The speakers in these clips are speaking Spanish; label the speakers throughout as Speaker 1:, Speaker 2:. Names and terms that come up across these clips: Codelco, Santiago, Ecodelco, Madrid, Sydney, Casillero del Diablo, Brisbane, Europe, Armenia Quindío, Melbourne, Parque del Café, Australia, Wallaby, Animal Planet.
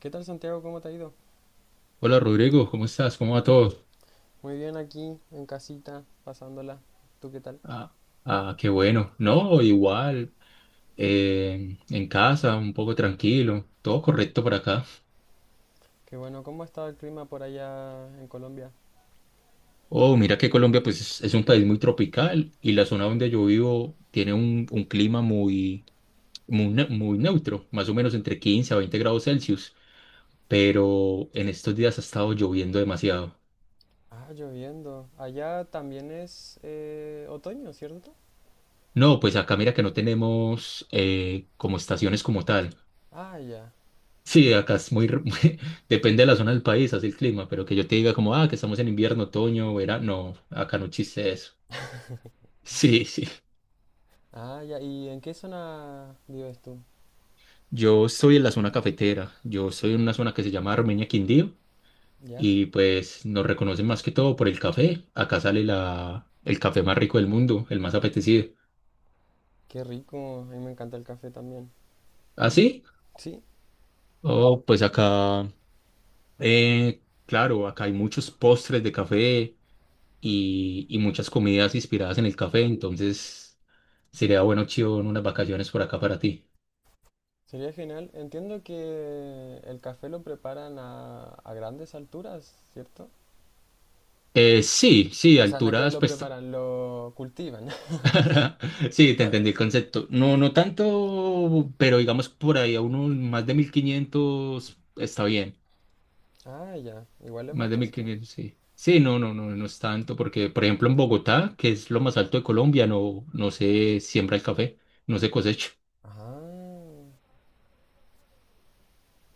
Speaker 1: ¿Qué tal Santiago? ¿Cómo te ha ido?
Speaker 2: Hola Rodrigo, ¿cómo estás? ¿Cómo va todo?
Speaker 1: Muy bien aquí en casita, pasándola. ¿Tú qué tal?
Speaker 2: Ah, qué bueno. No, igual, en casa, un poco tranquilo, todo correcto por acá.
Speaker 1: Qué bueno, ¿cómo ha estado el clima por allá en Colombia?
Speaker 2: Oh, mira que Colombia pues es un país muy tropical y la zona donde yo vivo tiene un clima muy neutro, más o menos entre 15 a 20 grados Celsius, pero en estos días ha estado lloviendo demasiado.
Speaker 1: Ah, lloviendo. Allá también es otoño, ¿cierto?
Speaker 2: No, pues acá mira que no tenemos como estaciones como tal.
Speaker 1: Ah, ya.
Speaker 2: Sí, acá es depende de la zona del país, así el clima, pero que yo te diga como, ah, que estamos en invierno, otoño, verano, no, acá no existe eso. Sí, sí.
Speaker 1: Ah, ya. ¿Y en qué zona vives tú?
Speaker 2: Yo estoy en la zona cafetera, yo estoy en una zona que se llama Armenia Quindío,
Speaker 1: Ya.
Speaker 2: y pues nos reconocen más que todo por el café. Acá sale el café más rico del mundo, el más apetecido.
Speaker 1: Qué rico. A mí me encanta el café también.
Speaker 2: ¿Ah, sí?
Speaker 1: Sí,
Speaker 2: Oh, pues acá, claro, acá hay muchos postres de café, y muchas comidas inspiradas en el café, entonces sería bueno, Chivo, unas vacaciones por acá para ti.
Speaker 1: sería genial. Entiendo que el café lo preparan a grandes alturas, ¿cierto?
Speaker 2: Sí, sí,
Speaker 1: O sea, nada que ver.
Speaker 2: alturas,
Speaker 1: Lo
Speaker 2: pues... t-
Speaker 1: preparan, lo cultivan.
Speaker 2: Sí, te entendí el concepto. No, no tanto, pero digamos por ahí a unos más de 1.500 está bien.
Speaker 1: Ah, ya. Igual es
Speaker 2: Más de mil
Speaker 1: bastante.
Speaker 2: quinientos sí. Sí, no, no es tanto, porque por ejemplo en Bogotá, que es lo más alto de Colombia, no se siembra el café, no se cosecha.
Speaker 1: Ah,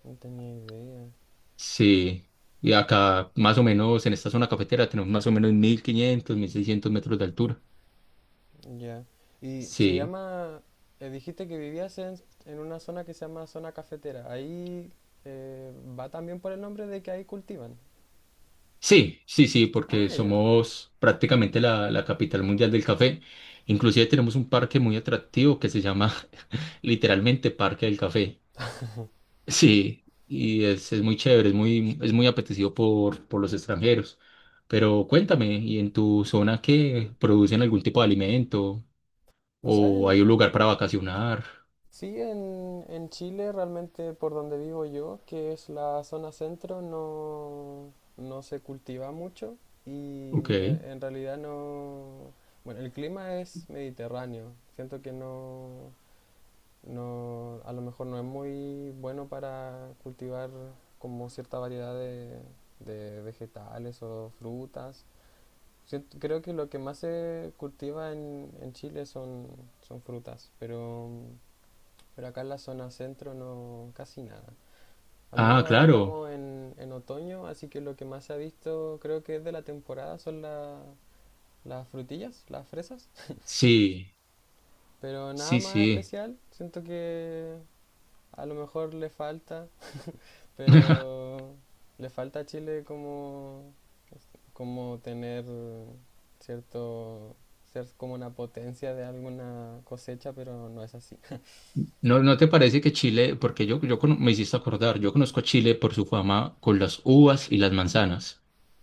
Speaker 1: no tenía idea.
Speaker 2: Sí, y acá más o menos en esta zona cafetera tenemos más o menos 1.500, 1.600 metros de altura.
Speaker 1: Ya. Y se
Speaker 2: Sí,
Speaker 1: llama, dijiste que vivías en una zona que se llama zona cafetera. Ahí eh, va también por el nombre de que ahí cultivan.
Speaker 2: sí, porque
Speaker 1: Ah, ya.
Speaker 2: somos prácticamente la capital mundial del café. Inclusive tenemos un parque muy atractivo que se llama literalmente Parque del Café. Sí, y es muy chévere, es muy apetecido por los extranjeros. Pero cuéntame, ¿y en tu zona qué producen algún tipo de alimento?
Speaker 1: O sea,
Speaker 2: ¿O hay un lugar para vacacionar?
Speaker 1: sí, en Chile realmente por donde vivo yo, que es la zona centro, no, no se cultiva mucho y
Speaker 2: Ok.
Speaker 1: en realidad no... Bueno, el clima es mediterráneo. Siento que no... No, a lo mejor no es muy bueno para cultivar como cierta variedad de vegetales o frutas. Creo que lo que más se cultiva en Chile son, son frutas, pero acá en la zona centro no casi nada. Al menos
Speaker 2: Ah,
Speaker 1: ahora
Speaker 2: claro.
Speaker 1: estamos en otoño, así que lo que más se ha visto creo que es de la temporada son las frutillas, las fresas.
Speaker 2: Sí,
Speaker 1: Pero nada
Speaker 2: sí,
Speaker 1: más
Speaker 2: sí.
Speaker 1: especial, siento que a lo mejor le falta. Pero le falta a Chile como, como tener cierto, ser como una potencia de alguna cosecha, pero no es así.
Speaker 2: ¿No, no te parece que Chile, porque yo me hiciste acordar, yo conozco a Chile por su fama con las uvas y las manzanas?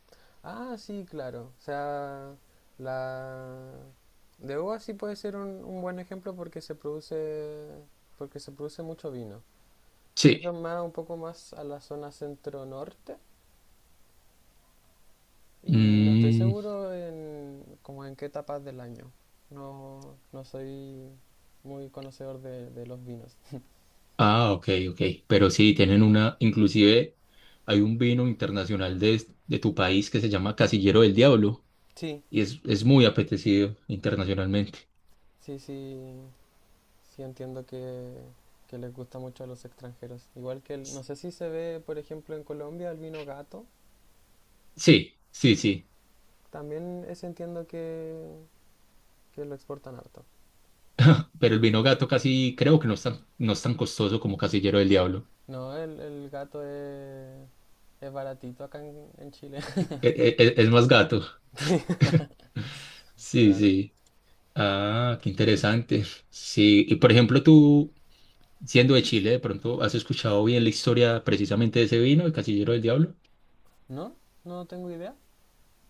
Speaker 1: Ah, sí, claro. O sea, la de uva sí puede ser un buen ejemplo porque se produce mucho vino. Eso
Speaker 2: Sí.
Speaker 1: es más un poco más a la zona centro-norte. Y no estoy
Speaker 2: Mm,
Speaker 1: seguro en, como en qué etapas del año. No, no soy muy conocedor de los vinos.
Speaker 2: ah, ok. Pero sí, tienen una, inclusive hay un vino internacional de tu país que se llama Casillero del Diablo
Speaker 1: Sí,
Speaker 2: y es muy apetecido internacionalmente.
Speaker 1: sí, sí, sí entiendo que les gusta mucho a los extranjeros. Igual que, no
Speaker 2: S-
Speaker 1: sé si se ve, por ejemplo, en Colombia el vino gato.
Speaker 2: Sí, sí, sí.
Speaker 1: También ese entiendo que lo exportan harto.
Speaker 2: Pero el vino gato casi creo que no es tan costoso como Casillero del Diablo.
Speaker 1: No, el gato es baratito acá en Chile.
Speaker 2: E- e- e- Es más gato.
Speaker 1: Sí,
Speaker 2: Sí,
Speaker 1: claro.
Speaker 2: sí. Ah, qué interesante. Sí, y por ejemplo, tú, siendo de Chile, de pronto, ¿has escuchado bien la historia precisamente de ese vino, el Casillero del Diablo?
Speaker 1: ¿No? No tengo idea.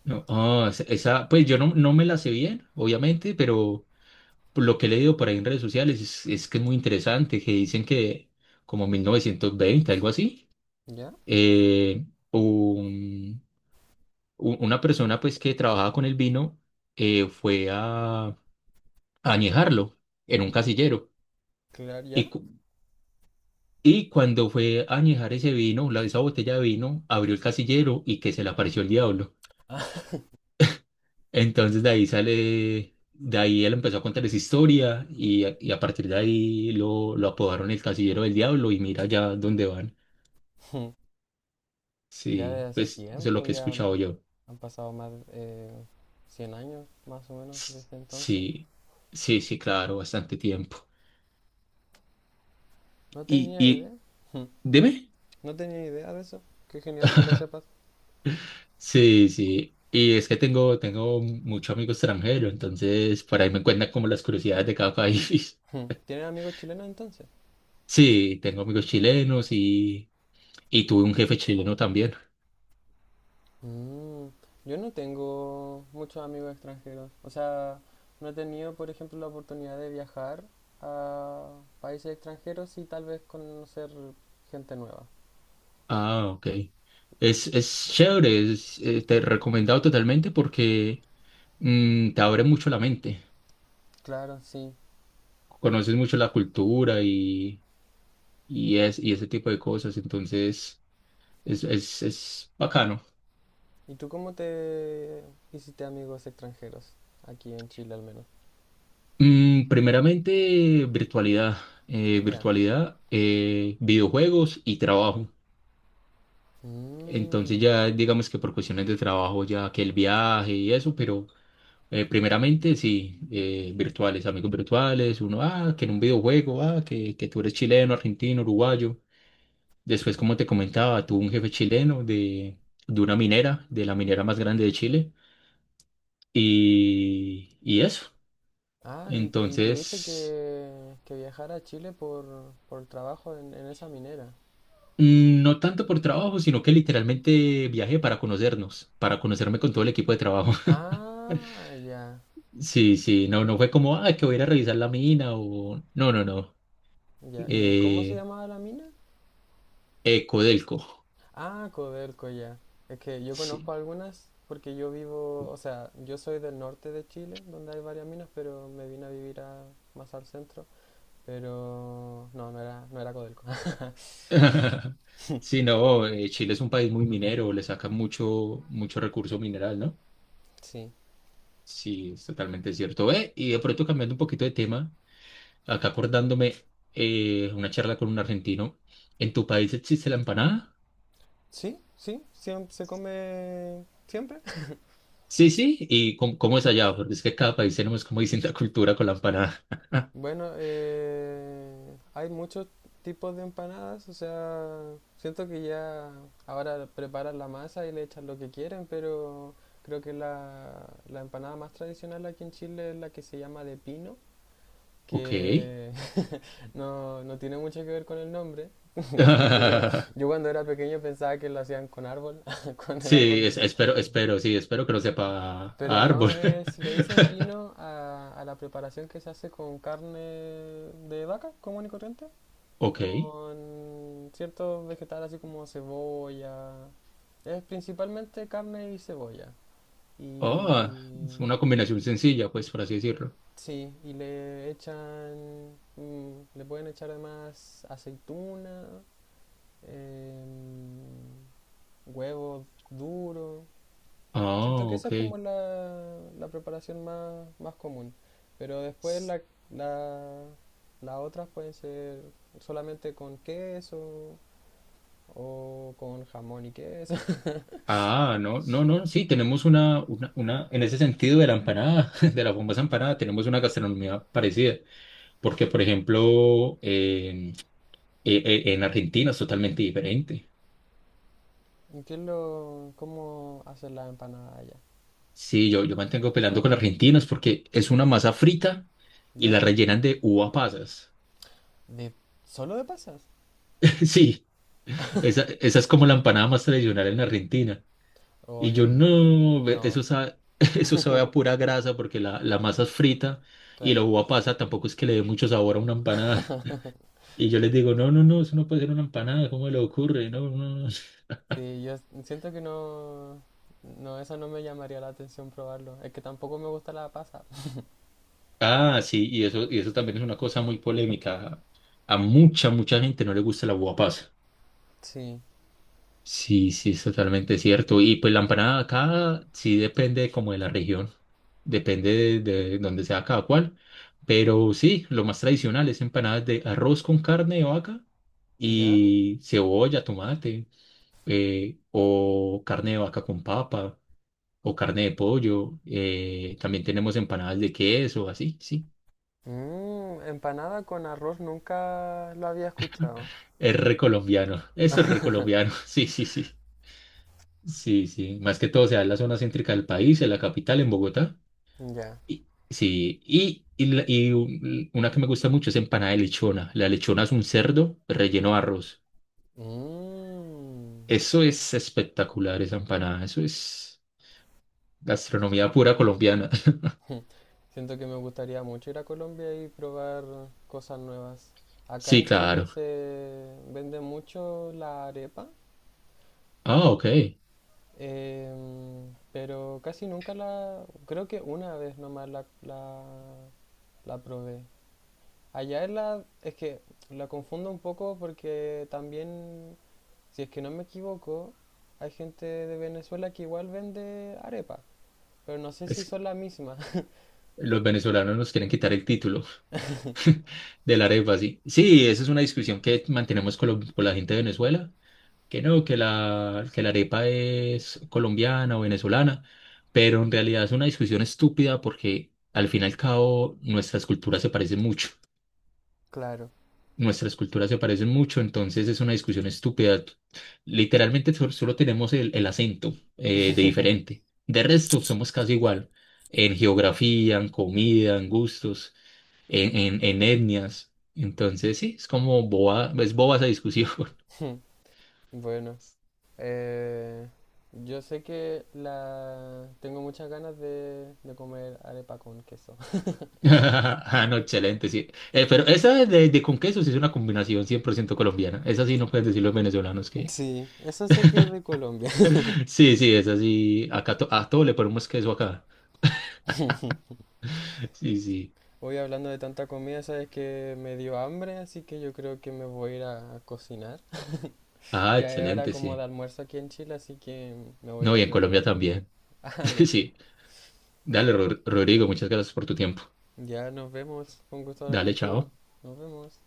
Speaker 2: No, ah, pues yo no me la sé bien, obviamente, pero por lo que he leído por ahí en redes sociales es que es muy interesante, que dicen que como 1920 algo así,
Speaker 1: ¿Ya?
Speaker 2: eh, un- una persona pues que trabajaba con el vino fue a añejarlo en un casillero.
Speaker 1: Claro,
Speaker 2: Y,
Speaker 1: ya.
Speaker 2: cu- y cuando fue a añejar ese vino, esa botella de vino, abrió el casillero y que se le apareció el diablo. Entonces de ahí sale, de ahí él empezó a contar esa historia y a partir de ahí lo apodaron el Casillero del Diablo y mira ya dónde van.
Speaker 1: Ya de
Speaker 2: Sí,
Speaker 1: hace
Speaker 2: pues eso es lo
Speaker 1: tiempo,
Speaker 2: que he
Speaker 1: ya
Speaker 2: escuchado
Speaker 1: han
Speaker 2: yo.
Speaker 1: pasado más de 100 años más o menos
Speaker 2: S-
Speaker 1: desde entonces.
Speaker 2: Sí, sí, sí, claro, bastante tiempo.
Speaker 1: No
Speaker 2: Y,
Speaker 1: tenía idea.
Speaker 2: y, dime.
Speaker 1: No tenía idea de eso. Qué genial que lo sepas.
Speaker 2: Sí, sí. Y es que tengo mucho amigo extranjero, entonces por ahí me cuentan como las curiosidades de cada país.
Speaker 1: ¿Tienes amigos chilenos entonces?
Speaker 2: Sí, tengo amigos chilenos y tuve un jefe chileno también.
Speaker 1: Mm, yo no tengo muchos amigos extranjeros. O sea, no he tenido, por ejemplo, la oportunidad de viajar a países extranjeros y tal vez conocer gente nueva.
Speaker 2: Ah, ok. Es chévere, es, te he recomendado totalmente porque mm, te abre mucho la mente,
Speaker 1: Claro, sí.
Speaker 2: conoces mucho la cultura y ese tipo de cosas, entonces es bacano.
Speaker 1: ¿Y tú cómo te hiciste amigos extranjeros? Aquí en Chile al menos.
Speaker 2: Mm, primeramente, virtualidad.
Speaker 1: Ya.
Speaker 2: Virtualidad, videojuegos y trabajo. Entonces
Speaker 1: Mm.
Speaker 2: ya digamos que por cuestiones de trabajo, ya que el viaje y eso, pero primeramente sí, virtuales, amigos virtuales, uno, ah, que en un videojuego, ah, que tú eres chileno, argentino, uruguayo. Después, como te comentaba, tuve un jefe chileno de una minera, de la minera más grande de Chile. Y eso.
Speaker 1: Ah, y tuviste
Speaker 2: Entonces...
Speaker 1: que viajar a Chile por trabajo en esa minera.
Speaker 2: Mm, no tanto por trabajo, sino que literalmente viajé para conocernos, para conocerme con todo el equipo de trabajo.
Speaker 1: Ah, ya,
Speaker 2: Sí, sí, no, no fue como, ah, que voy a ir a revisar la mina o... No, no, no.
Speaker 1: ya. ¿Y cómo se
Speaker 2: Eh,
Speaker 1: llamaba la mina?
Speaker 2: Ecodelco,
Speaker 1: Ah, Codelco, ya. Es que yo
Speaker 2: sí.
Speaker 1: conozco algunas porque yo vivo, o sea, yo soy del norte de Chile, donde hay varias minas, pero me vine a vivir más al centro. Pero no, no era, no era Codelco.
Speaker 2: Sí, no, Chile es un país muy minero, le saca mucho, mucho recurso mineral, ¿no?
Speaker 1: Sí.
Speaker 2: Sí, es totalmente cierto. Y de pronto cambiando un poquito de tema, acá acordándome una charla con un argentino, ¿en tu país existe la empanada?
Speaker 1: ¿Sí? ¿Sí? ¿Siem- ¿Se come siempre?
Speaker 2: Sí, sí, ¿y cómo, cómo es allá? Porque es que cada país tenemos como distinta cultura con la empanada.
Speaker 1: Bueno, hay muchos tipos de empanadas, o sea, siento que ya ahora preparan la masa y le echan lo que quieren, pero creo que la empanada más tradicional aquí en Chile es la que se llama de pino,
Speaker 2: Ok.
Speaker 1: que no, no tiene mucho que ver con el nombre, porque no, yo cuando era pequeño pensaba que lo hacían con árbol, con el árbol
Speaker 2: Sí,
Speaker 1: de
Speaker 2: es-
Speaker 1: pino,
Speaker 2: espero, espero, sí, espero que no sepa
Speaker 1: pero
Speaker 2: a árbol.
Speaker 1: no, es, le dicen pino a la preparación que se hace con carne de vaca común y corriente.
Speaker 2: Ok.
Speaker 1: Con ciertos vegetales así como cebolla. Es principalmente carne y cebolla.
Speaker 2: Oh, es
Speaker 1: Y
Speaker 2: una combinación sencilla, pues, por así decirlo.
Speaker 1: sí, y le echan, mm, le pueden echar además aceituna, em, huevo duro. Siento
Speaker 2: Ah,
Speaker 1: que esa
Speaker 2: ok.
Speaker 1: es como la preparación más, más común. Pero después
Speaker 2: S-
Speaker 1: la, las otras pueden ser solamente con queso o con jamón y queso.
Speaker 2: Ah, no, no, no, sí, tenemos una, en ese sentido de la empanada, de la famosa empanada, tenemos una gastronomía parecida, porque, por ejemplo, en Argentina es totalmente diferente.
Speaker 1: ¿Y ¿Qué es lo, cómo hacen las empanadas allá?
Speaker 2: Sí, yo mantengo peleando con argentinos porque es una masa frita y
Speaker 1: ¿Ya?
Speaker 2: la rellenan de uva pasas.
Speaker 1: ¿De, ¿Solo de pasas?
Speaker 2: Sí, esa es como la empanada más tradicional en Argentina.
Speaker 1: O
Speaker 2: Y yo
Speaker 1: yo...
Speaker 2: no, ve- eso
Speaker 1: No,
Speaker 2: sabe, eso sabe a pura grasa porque la masa es frita y la
Speaker 1: claro.
Speaker 2: uva pasa tampoco es que le dé mucho sabor a una empanada. Y yo les digo, no, no, no, eso no puede ser una empanada, ¿cómo le ocurre? No, no. no".
Speaker 1: Sí, yo siento que no... No, eso no me llamaría la atención probarlo. Es que tampoco me gusta la pasa.
Speaker 2: Ah, sí, y eso también es una cosa muy polémica. A mucha gente no le gusta la uva pasa.
Speaker 1: Sí.
Speaker 2: Sí, sí, es totalmente cierto. Y pues la empanada acá sí depende como de la región, depende de donde sea cada cual. Pero sí, lo más tradicional es empanadas de arroz con carne de vaca
Speaker 1: ¿Ya?
Speaker 2: y cebolla, tomate, o carne de vaca con papa, o carne de pollo. También tenemos empanadas de queso, así, sí.
Speaker 1: Mm, empanada con arroz nunca lo había escuchado.
Speaker 2: Es recolombiano, eso es recolombiano, sí, sí, sí. Sí, sí. Más que todo se da en la zona céntrica del país, en la capital, en Bogotá.
Speaker 1: Ya.
Speaker 2: Y- Sí, una que me gusta mucho es empanada de lechona. La lechona es un cerdo relleno de arroz.
Speaker 1: Mm.
Speaker 2: Eso es espectacular, esa empanada. Eso es gastronomía pura colombiana.
Speaker 1: Siento que me gustaría mucho ir a Colombia y probar cosas nuevas. Acá
Speaker 2: Sí,
Speaker 1: en Chile
Speaker 2: claro.
Speaker 1: se vende mucho la arepa,
Speaker 2: Ah, ok.
Speaker 1: pero casi nunca la... Creo que una vez nomás la probé. Allá es la... Es que la confundo un poco porque también, si es que no me equivoco, hay gente de Venezuela que igual vende arepa, pero no sé si
Speaker 2: Es,
Speaker 1: son la misma.
Speaker 2: los venezolanos nos quieren quitar el título. De la arepa, sí. Sí, esa es una discusión que mantenemos con la gente de Venezuela, que no, que la arepa es colombiana o venezolana, pero en realidad es una discusión estúpida porque al fin y al cabo nuestras culturas se parecen mucho.
Speaker 1: Claro.
Speaker 2: Nuestras culturas se parecen mucho, entonces es una discusión estúpida. Literalmente solo tenemos el acento de diferente. De resto, somos casi igual en geografía, en comida, en gustos en etnias. Entonces, sí, es como boba, es boba esa discusión.
Speaker 1: Bueno. Eh, yo sé que la tengo muchas ganas de comer arepa con queso.
Speaker 2: Ah, no, excelente, sí. Pero esa de con queso sí es una combinación 100% colombiana. Esa sí no pueden decir los venezolanos que...
Speaker 1: Sí, eso sé que es de Colombia.
Speaker 2: Sí, sí, esa sí. Acá to- a todo le ponemos queso acá. Sí, sí.
Speaker 1: Hoy hablando de tanta comida, sabes que me dio hambre, así que yo creo que me voy a ir a cocinar.
Speaker 2: Ah,
Speaker 1: Ya es hora
Speaker 2: excelente,
Speaker 1: como de
Speaker 2: sí.
Speaker 1: almuerzo aquí en Chile, así que me voy a ir
Speaker 2: No, y
Speaker 1: a
Speaker 2: en Colombia
Speaker 1: preparar comida.
Speaker 2: también.
Speaker 1: Ah, ya.
Speaker 2: Sí. Dale, Ro- Rodrigo, muchas gracias por tu tiempo.
Speaker 1: Ya nos vemos. Fue un gusto hablar
Speaker 2: Dale,
Speaker 1: contigo.
Speaker 2: chao.
Speaker 1: Nos vemos.